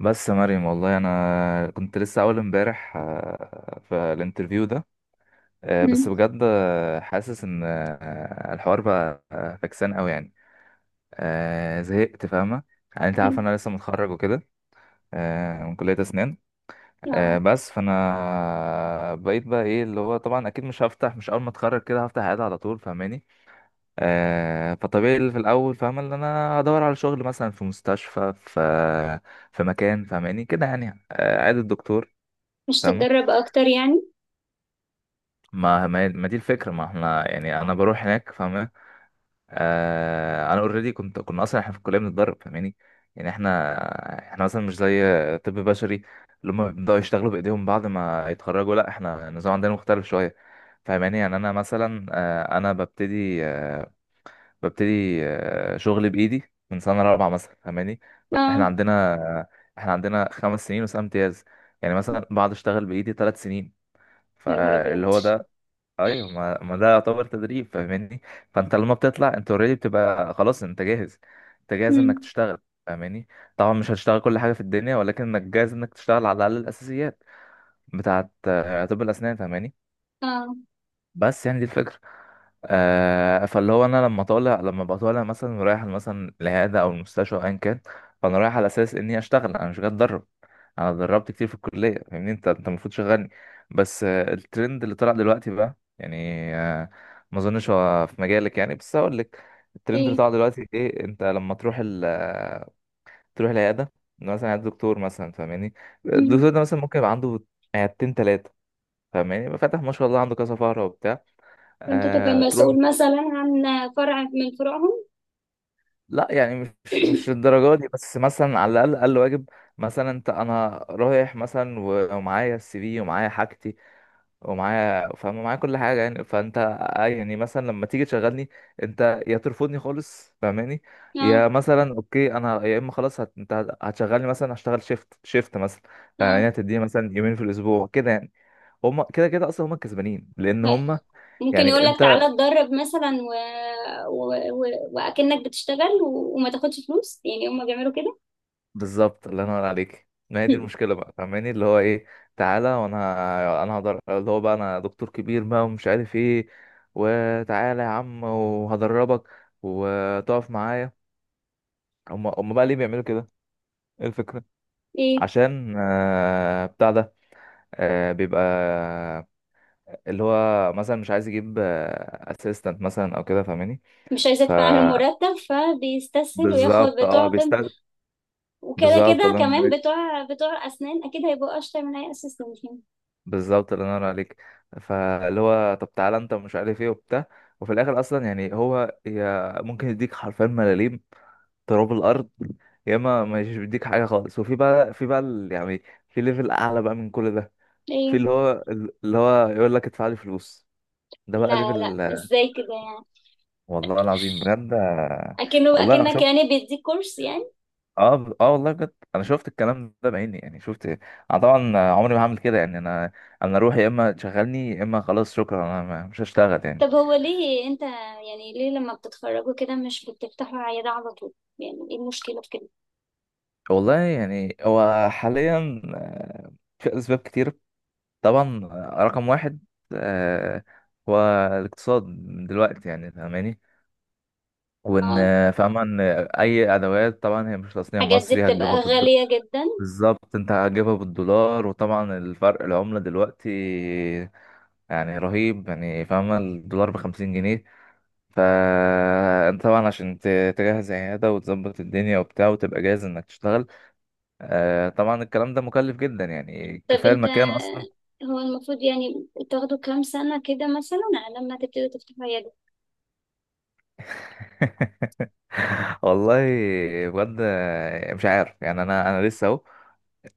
بس يا مريم، والله انا كنت لسه اول امبارح في الانترفيو ده. بس مم. بجد، حاسس ان الحوار بقى فكسان قوي يعني. زهقت، فاهمه؟ يعني انت عارف انا لسه متخرج وكده. من كليه اسنان. اه بس فانا، بقيت بقى، ايه اللي هو طبعا اكيد مش هفتح، مش اول ما اتخرج كده هفتح عياده على طول، فاهماني؟ فطبيعي اللي في الاول، فاهمه ان انا هدور على شغل مثلا في مستشفى، في مكان فاهماني كده يعني، عياده الدكتور. مش فاهمة؟ تتدرب اكتر يعني؟ ما دي الفكرة، ما احنا يعني انا بروح هناك. فاهمة؟ انا اوريدي كنا اصلا احنا في الكلية بنتدرب، فاهماني؟ يعني احنا، احنا مثلا مش زي طب بشري، اللي هم بيبدأوا يشتغلوا بايديهم بعد ما يتخرجوا. لا، احنا النظام عندنا مختلف شوية، فاهماني. يعني انا مثلا، انا ببتدي، شغلي بايدي من سنة رابعة مثلا، فاهماني؟ احنا اه، عندنا، احنا عندنا 5 سنين وسنة امتياز. يعني مثلا بعد اشتغل بايدي 3 سنين. يا نهار فاللي ابيض. هو ده، ايوه ما ده يعتبر تدريب، فاهماني؟ فانت لما بتطلع، انت اوريدي بتبقى خلاص انت جاهز، انت جاهز انك مم. تشتغل، فاهماني؟ طبعا مش هتشتغل كل حاجه في الدنيا، ولكن انك جاهز انك تشتغل على الاقل الاساسيات بتاعه، طب الاسنان، فاهماني؟ اه. بس يعني دي الفكرة. فاللي هو، انا لما بطالع مثلا رايح مثلا العياده او المستشفى او ايا كان، فانا رايح على اساس اني اشتغل، انا مش جاي اتدرب. انا اتدربت كتير في الكليه، فاهمني انت المفروض شغلني. بس الترند اللي طلع دلوقتي بقى يعني، آه ما اظنش هو في مجالك، يعني بس هقول لك. الترند اللي ايه. طلع دلوقتي ايه؟ انت لما تروح ال آه، تروح العياده، مثلا عند دكتور مثلا، فاهماني؟ الدكتور مم. ده مثلا ممكن يبقى عنده عيادتين، ثلاثه. فاهماني؟ يبقى فاتح ما شاء الله عنده كذا فقره وبتاع، فانت تبقى تروح. مسؤول مثلا عن فرع من فروعهم؟ لا يعني مش الدرجة دي، بس مثلا على الأقل، أقل واجب. مثلا أنت، أنا رايح مثلا ومعايا السي في، ومعايا حاجتي، ومعايا، فاهم معايا كل حاجة يعني. فأنت، يعني مثلا لما تيجي تشغلني، أنت يا ترفضني خالص، فاهماني؟ يا اه، مثلا أوكي، أنا يا إما خلاص، أنت هتشغلني مثلا، هشتغل شيفت شيفت مثلا، اه. فاهماني. هتديني مثلا يومين في الأسبوع كده يعني. هما كده كده أصلا هما الكسبانين، لأن هاي. هما ممكن يعني... يقول لك تعالى اتدرب مثلا و... و... واكنك بتشتغل وما تاخدش فلوس، يعني هم بيعملوا كده. بالظبط، الله ينور عليك. ما هي دي المشكله بقى، فاهماني؟ اللي هو ايه، تعالى، وانا انا هقدر، اللي هو بقى انا دكتور كبير بقى ومش عارف ايه، وتعالى يا عم وهدربك، وتقف معايا. هم بقى ليه بيعملوا كده؟ ايه الفكره؟ ايه. عشان بتاع ده، بيبقى اللي هو مثلا مش عايز يجيب اسيستنت مثلا او كده، فاهماني؟ مش عايزه ف ادفع له مرتب فبيستسهل وياخد بالظبط، اه بتوع طب، بيستخدم. وكده بالظبط كده الله ينور كمان عليك. بتوع اسنان اكيد هيبقوا اشطر من اي اسيستنت يعني. بالظبط الله ينور عليك. فاللي هو، طب تعالى انت مش عارف ايه وبتاع، وفي الاخر اصلا يعني هو، يا ممكن يديك حرفيا ملاليم، تراب الارض. يا اما ما يديك حاجه خالص. وفي بقى يعني في ليفل اعلى بقى من كل ده، في ايه. اللي هو، يقول لك ادفع لي فلوس. ده بقى لا، ليفل. ازاي كده يعني؟ والله العظيم بجد. اكنه، والله انا اكنك شفت، يعني بيديك كورس يعني. اه، اه، والله بجد انا شفت الكلام ده بعيني، يعني شفت. انا طبعا عمري ما هعمل كده يعني. انا اروح، يا اما تشغلني يا اما خلاص شكرا، انا مش هشتغل يعني. طب هو ليه انت، يعني ليه لما بتتخرجوا كده مش بتفتحوا عيادة على طول؟ يعني ايه المشكلة في كده؟ والله يعني هو حاليا، في أسباب كتير. طبعا، رقم واحد، آه، هو الاقتصاد من دلوقتي، يعني فاهماني. وإن، اه، فاهمة إن أي أدوات طبعا هي مش تصنيع الحاجات دي مصري، هتجيبها بتبقى غالية جدا. بالظبط، أنت هتجيبها بالدولار، وطبعا الفرق العملة دلوقتي يعني رهيب، يعني فاهمة الدولار بـ50 جنيه. فأنت طبعا عشان تجهز عيادة وتظبط الدنيا وبتاع، وتبقى جاهز إنك تشتغل، طبعا الكلام ده مكلف جدا يعني، طب كفاية انت، المكان أصلا. هو المفروض يعني تاخدوا كام سنة كده مثلا على لما تبتدوا تفتحوا عيادة؟ والله، بجد مش عارف يعني. أنا لسه أهو،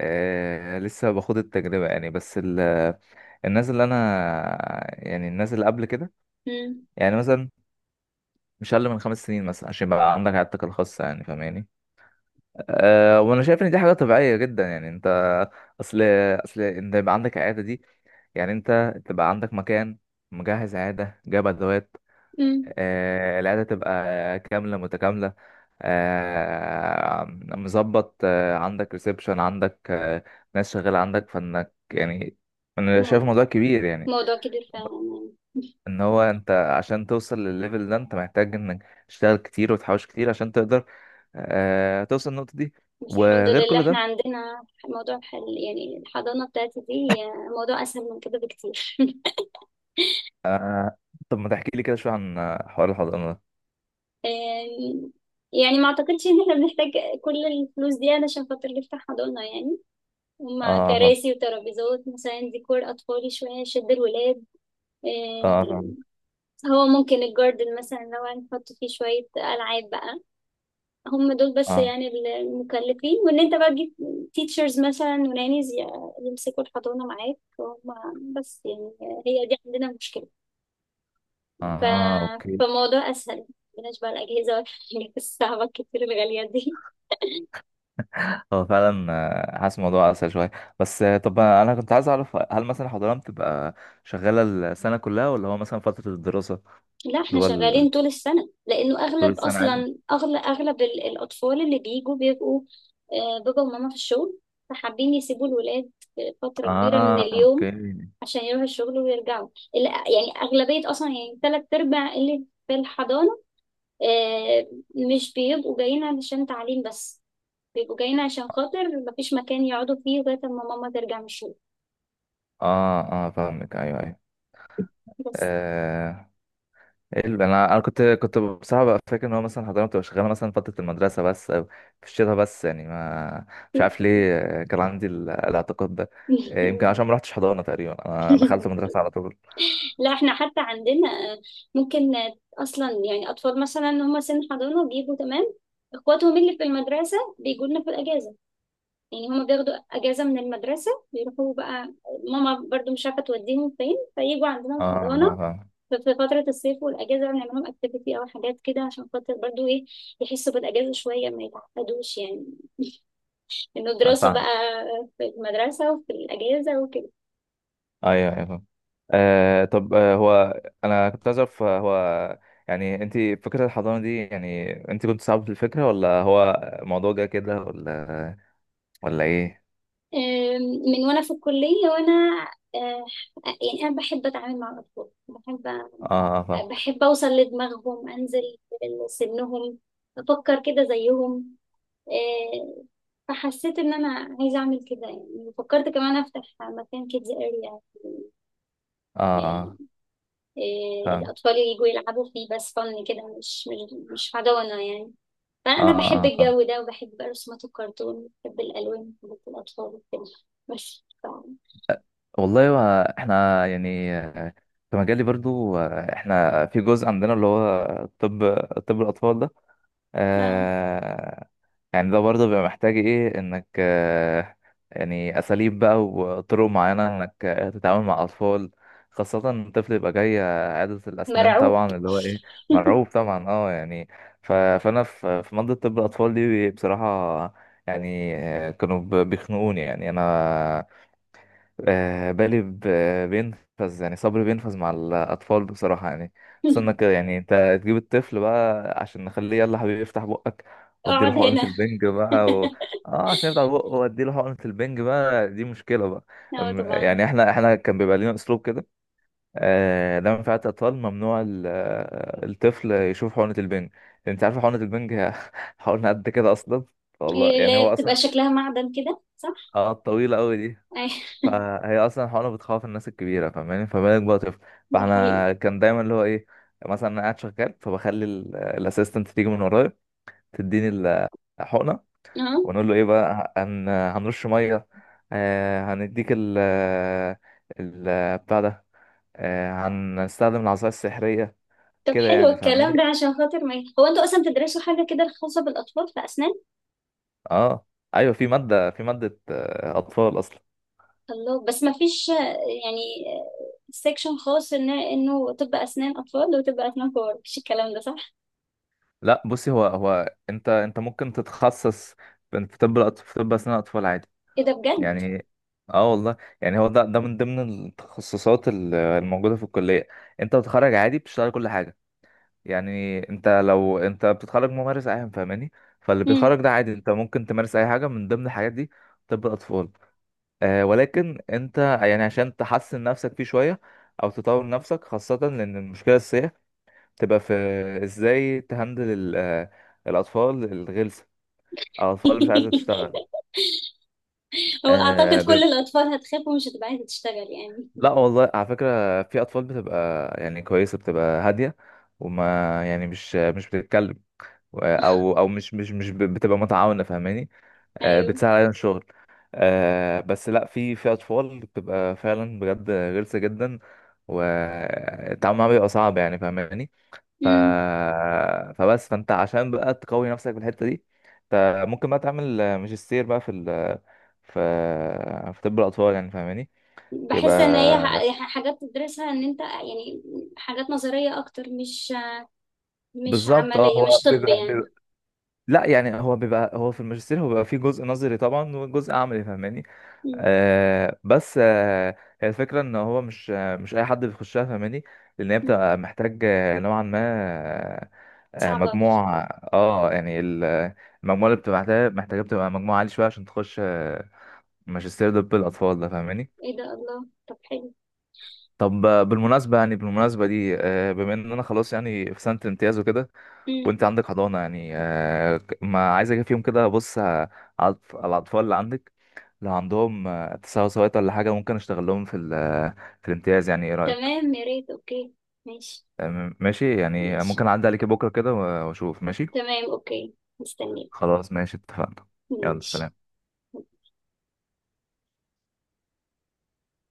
لسه باخد التجربة يعني، بس الناس اللي أنا، يعني الناس اللي قبل كده، امم. يعني مثلا مش أقل من 5 سنين مثلا، عشان يبقى عندك عيادتك الخاصة، يعني فاهماني. أه، وأنا شايف إن دي حاجة طبيعية جدا يعني. أنت أصل، أنت يبقى عندك عيادة دي، يعني أنت تبقى عندك مكان، مجهز عيادة، جايب أدوات، امم. العيادة تبقى كاملة متكاملة، مظبط، عندك ريسبشن، عندك ناس شغالة عندك، فانك يعني. انا شايف مو- موضوع كبير يعني، موضوع كبير فعلا يعني. ان هو انت عشان توصل للليفل ده، انت محتاج انك تشتغل كتير وتحوش كتير، عشان تقدر توصل للنقطة دي. بس الحمد وغير لله كل احنا ده، عندنا موضوع حل، يعني الحضانة بتاعتي دي موضوع اسهل من كده بكتير. طب ما تحكي لي كده شوية عن حوار الحضانة ده؟ آم، يعني ما اعتقدش ان احنا بنحتاج كل الفلوس دي علشان خاطر نفتح حضانة يعني. هما اه، فاهم. كراسي وترابيزات مثلا، ديكور اطفالي شوية يشد الولاد. اه، فاهم. آم، هو ممكن الجاردن مثلا لو هنحط فيه شوية ألعاب بقى، هم دول بس اه، يعني المكلفين. وان انت بقى تجيب تيتشرز مثلا ونانيز يمسكوا الحضانة معاك، هم بس يعني هي دي عندنا مشكلة. اه، ف... اوكي. فموضوع أسهل، مبقناش بقى الأجهزة والحاجات الصعبة الكتير الغالية دي. هو فعلا، حاسس الموضوع اسهل شويه. بس، طب انا كنت عايز اعرف، هل مثلا حضانه بتبقى شغاله السنه كلها، ولا هو مثلا فتره الدراسه؟ لا، اللي احنا هو ال- شغالين طول السنة، لأنه طول أغلب السنه عادي. أصلا، أغلب الأطفال اللي بيجوا بيبقوا بابا وماما في الشغل، فحابين يسيبوا الولاد فترة كبيرة من اه، اليوم اوكي. عشان يروحوا الشغل ويرجعوا. يعني أغلبية أصلا، يعني تلات أرباع اللي في الحضانة، آه، مش بيبقوا جايين علشان تعليم بس، بيبقوا جايين عشان خاطر مفيش مكان يقعدوا فيه لغاية ما ماما ترجع من الشغل اه، اه، فاهمك. ايوه، ايوه، بس. آه إيه انا كنت بصراحه بقى فاكر ان هو مثلا حضانه بتبقى شغاله مثلا فتره المدرسه بس، او في الشتاء بس يعني. ما مش عارف ليه، كان عندي الاعتقاد ده، يمكن عشان ما رحتش حضانه تقريبا، انا دخلت مدرسه على طول. لا، احنا حتى عندنا ممكن، اصلا يعني اطفال مثلا هم سن حضانه بيجوا تمام، اخواتهم اللي في المدرسه بيجوا لنا في الاجازه. يعني هم بياخدوا اجازه من المدرسه بيروحوا بقى، ماما برضو مش عارفه توديهم فين فيجوا عندنا اه، في الحضانه. آه، في فتره الصيف والاجازه بنعمل لهم اكتيفيتي او حاجات كده عشان خاطر برضو ايه، يحسوا بالاجازه شويه ما يتعقدوش يعني انه دراسه بقى فاهم. في المدرسه وفي الاجازه وكده. ايوه، ايوه، فاهم. طب، هو انا كنت عايز اعرف، هو يعني انت، فكره الحضانه دي، يعني انت كنت صعب في الفكره، ولا هو الموضوع جه كده، ولا ولا ايه؟ آم، من وانا في الكلية وانا، آه، يعني انا بحب اتعامل مع الاطفال، بحب اه، فاهمك. بحب اوصل لدماغهم، انزل لسنهم افكر كده زيهم. آه، فحسيت ان انا عايزة اعمل كده، يعني فكرت كمان افتح مكان كيدز اريا اه، اه، فاهم. الاطفال يجوا يلعبوا فيه بس، فن كده مش حضانة يعني. اه، فانا اه، بحب فاهم. الجو ده، وبحب رسومات الكرتون، بحب الالوان، بحب الاطفال وكده. بس والله، هو احنا يعني، في مجالي برضو، احنا في جزء عندنا اللي هو طب، الاطفال ده، آه. آه يعني ده برضه بيبقى محتاج ايه، انك يعني اساليب بقى وطرق معينة انك تتعامل مع اطفال، خاصة الطفل يبقى جاي عيادة الأسنان، مرعوب. طبعا اللي هو إيه؟ مرعوب طبعا، اه يعني. فأنا في منطقة طب الأطفال دي بصراحة، يعني كانوا بيخنقوني يعني أنا، بالي بينفذ، يعني صبري بينفذ مع الأطفال بصراحة يعني. خصوصا إنك يعني، أنت تجيب الطفل بقى عشان نخليه، يلا حبيبي افتح بقك، وأديله اقعد حقنة هنا. البنج بقى اه، عشان يفتح بقه وأديله حقنة البنج بقى، دي مشكلة بقى. أم- اه طبعا. يعني احنا كان بيبقى لنا أسلوب كده، لما في عيادة أطفال، ممنوع الطفل يشوف حقنة البنج. أنت عارف حقنة البنج؟ هي حقنة قد كده أصلا. والله إيه، يعني لا هو أصلا، بتبقى شكلها معدن كده صح؟ اه، طويلة أوي. اي. فهي اصلا حقنة بتخوف الناس الكبيره، فاهماني؟ فما بالك بقى طفل. ده حقيقي. فاحنا كان دايما اللي هو ايه، مثلا انا قاعد شغال، فبخلي الاسيستنت تيجي من ورايا، تديني الحقنه، اه ونقول له ايه بقى، هنرش ميه، هنديك ال بتاع ده، هنستخدم العصايه السحريه طب، كده حلو يعني، الكلام ده، فاهماني؟ عشان خاطر ما هو انتوا اصلا بتدرسوا حاجه كده خاصه بالاطفال في اسنان؟ اه، ايوه في ماده، اطفال اصلا. الله. بس ما فيش يعني سيكشن خاص ان انه طب اسنان اطفال وطب اسنان كبار؟ مفيش الكلام ده صح؟ لا بصي، هو انت ممكن تتخصص في طب اسنان اطفال عادي ايه ده، بجد؟ يعني. اه والله يعني هو، ده من ضمن التخصصات الموجودة في الكلية. انت بتتخرج عادي، بتشتغل كل حاجة. يعني انت، لو انت بتتخرج ممارس عام، فاهماني. فاللي مم. بيتخرج ده عادي، انت ممكن تمارس اي حاجة من ضمن الحاجات دي، طب الاطفال. ولكن انت يعني عشان تحسن نفسك فيه شوية، او تطور نفسك، خاصة لان المشكلة الأساسية تبقى في ازاي تهندل الاطفال الغلسة، او الاطفال اللي مش عايزة تشتغل. هو آه، اعتقد كل الاطفال هتخاف ومش هتبقى عايزه تشتغل يعني. لا والله، على فكرة في أطفال بتبقى يعني كويسة، بتبقى هادية، وما يعني مش بتتكلم، أو مش بتبقى متعاونة، فاهماني. ايوه. بتساعد علينا الشغل. بس لا، في أطفال بتبقى فعلا بجد غلسة جدا، والتعامل معاها بيبقى صعب، يعني فاهماني. ف... مم. فبس فأنت عشان بقى تقوي نفسك في الحتة دي، أنت ممكن بقى تعمل ماجستير بقى في في في طب الأطفال، يعني فاهماني. يبقى بحس ان هي حاجات تدرسها ان انت يعني حاجات نظرية اكتر، مش مش بالظبط، اه عملية، هو مش طب بيبقى, يعني. بيبقى لا يعني، هو في الماجستير هو بيبقى فيه جزء نظري طبعا وجزء عملي، فاهماني. مم. بس، هي الفكرة ان هو مش اي حد بيخشها، فاهماني؟ لان هي مم. بتبقى محتاج، نوعا ما، صعبة. مجموع. اه يعني المجموعة اللي بتبقى محتاجة بتبقى مجموعة عالي شوية، عشان تخش ماجستير طب الأطفال ده، فاهماني. ايه ده الله، طب حلو. طب، بالمناسبة يعني، بالمناسبة دي، بما ان انا خلاص يعني في سنة امتياز وكده، مم. وانت عندك حضانة، يعني ما عايز اجي فيهم كده، بص على الاطفال اللي عندك، لو عندهم تساوي سويت ولا حاجة، ممكن اشتغل لهم في في الامتياز، يعني ايه رأيك؟ تمام، يا ريت، اوكي. ماشي. ماشي يعني، ماشي. ممكن اعدي عليك بكرة كده واشوف. ماشي. تمام اوكي. مستنيه. خلاص ماشي، اتفقنا. يلا ماشي. سلام.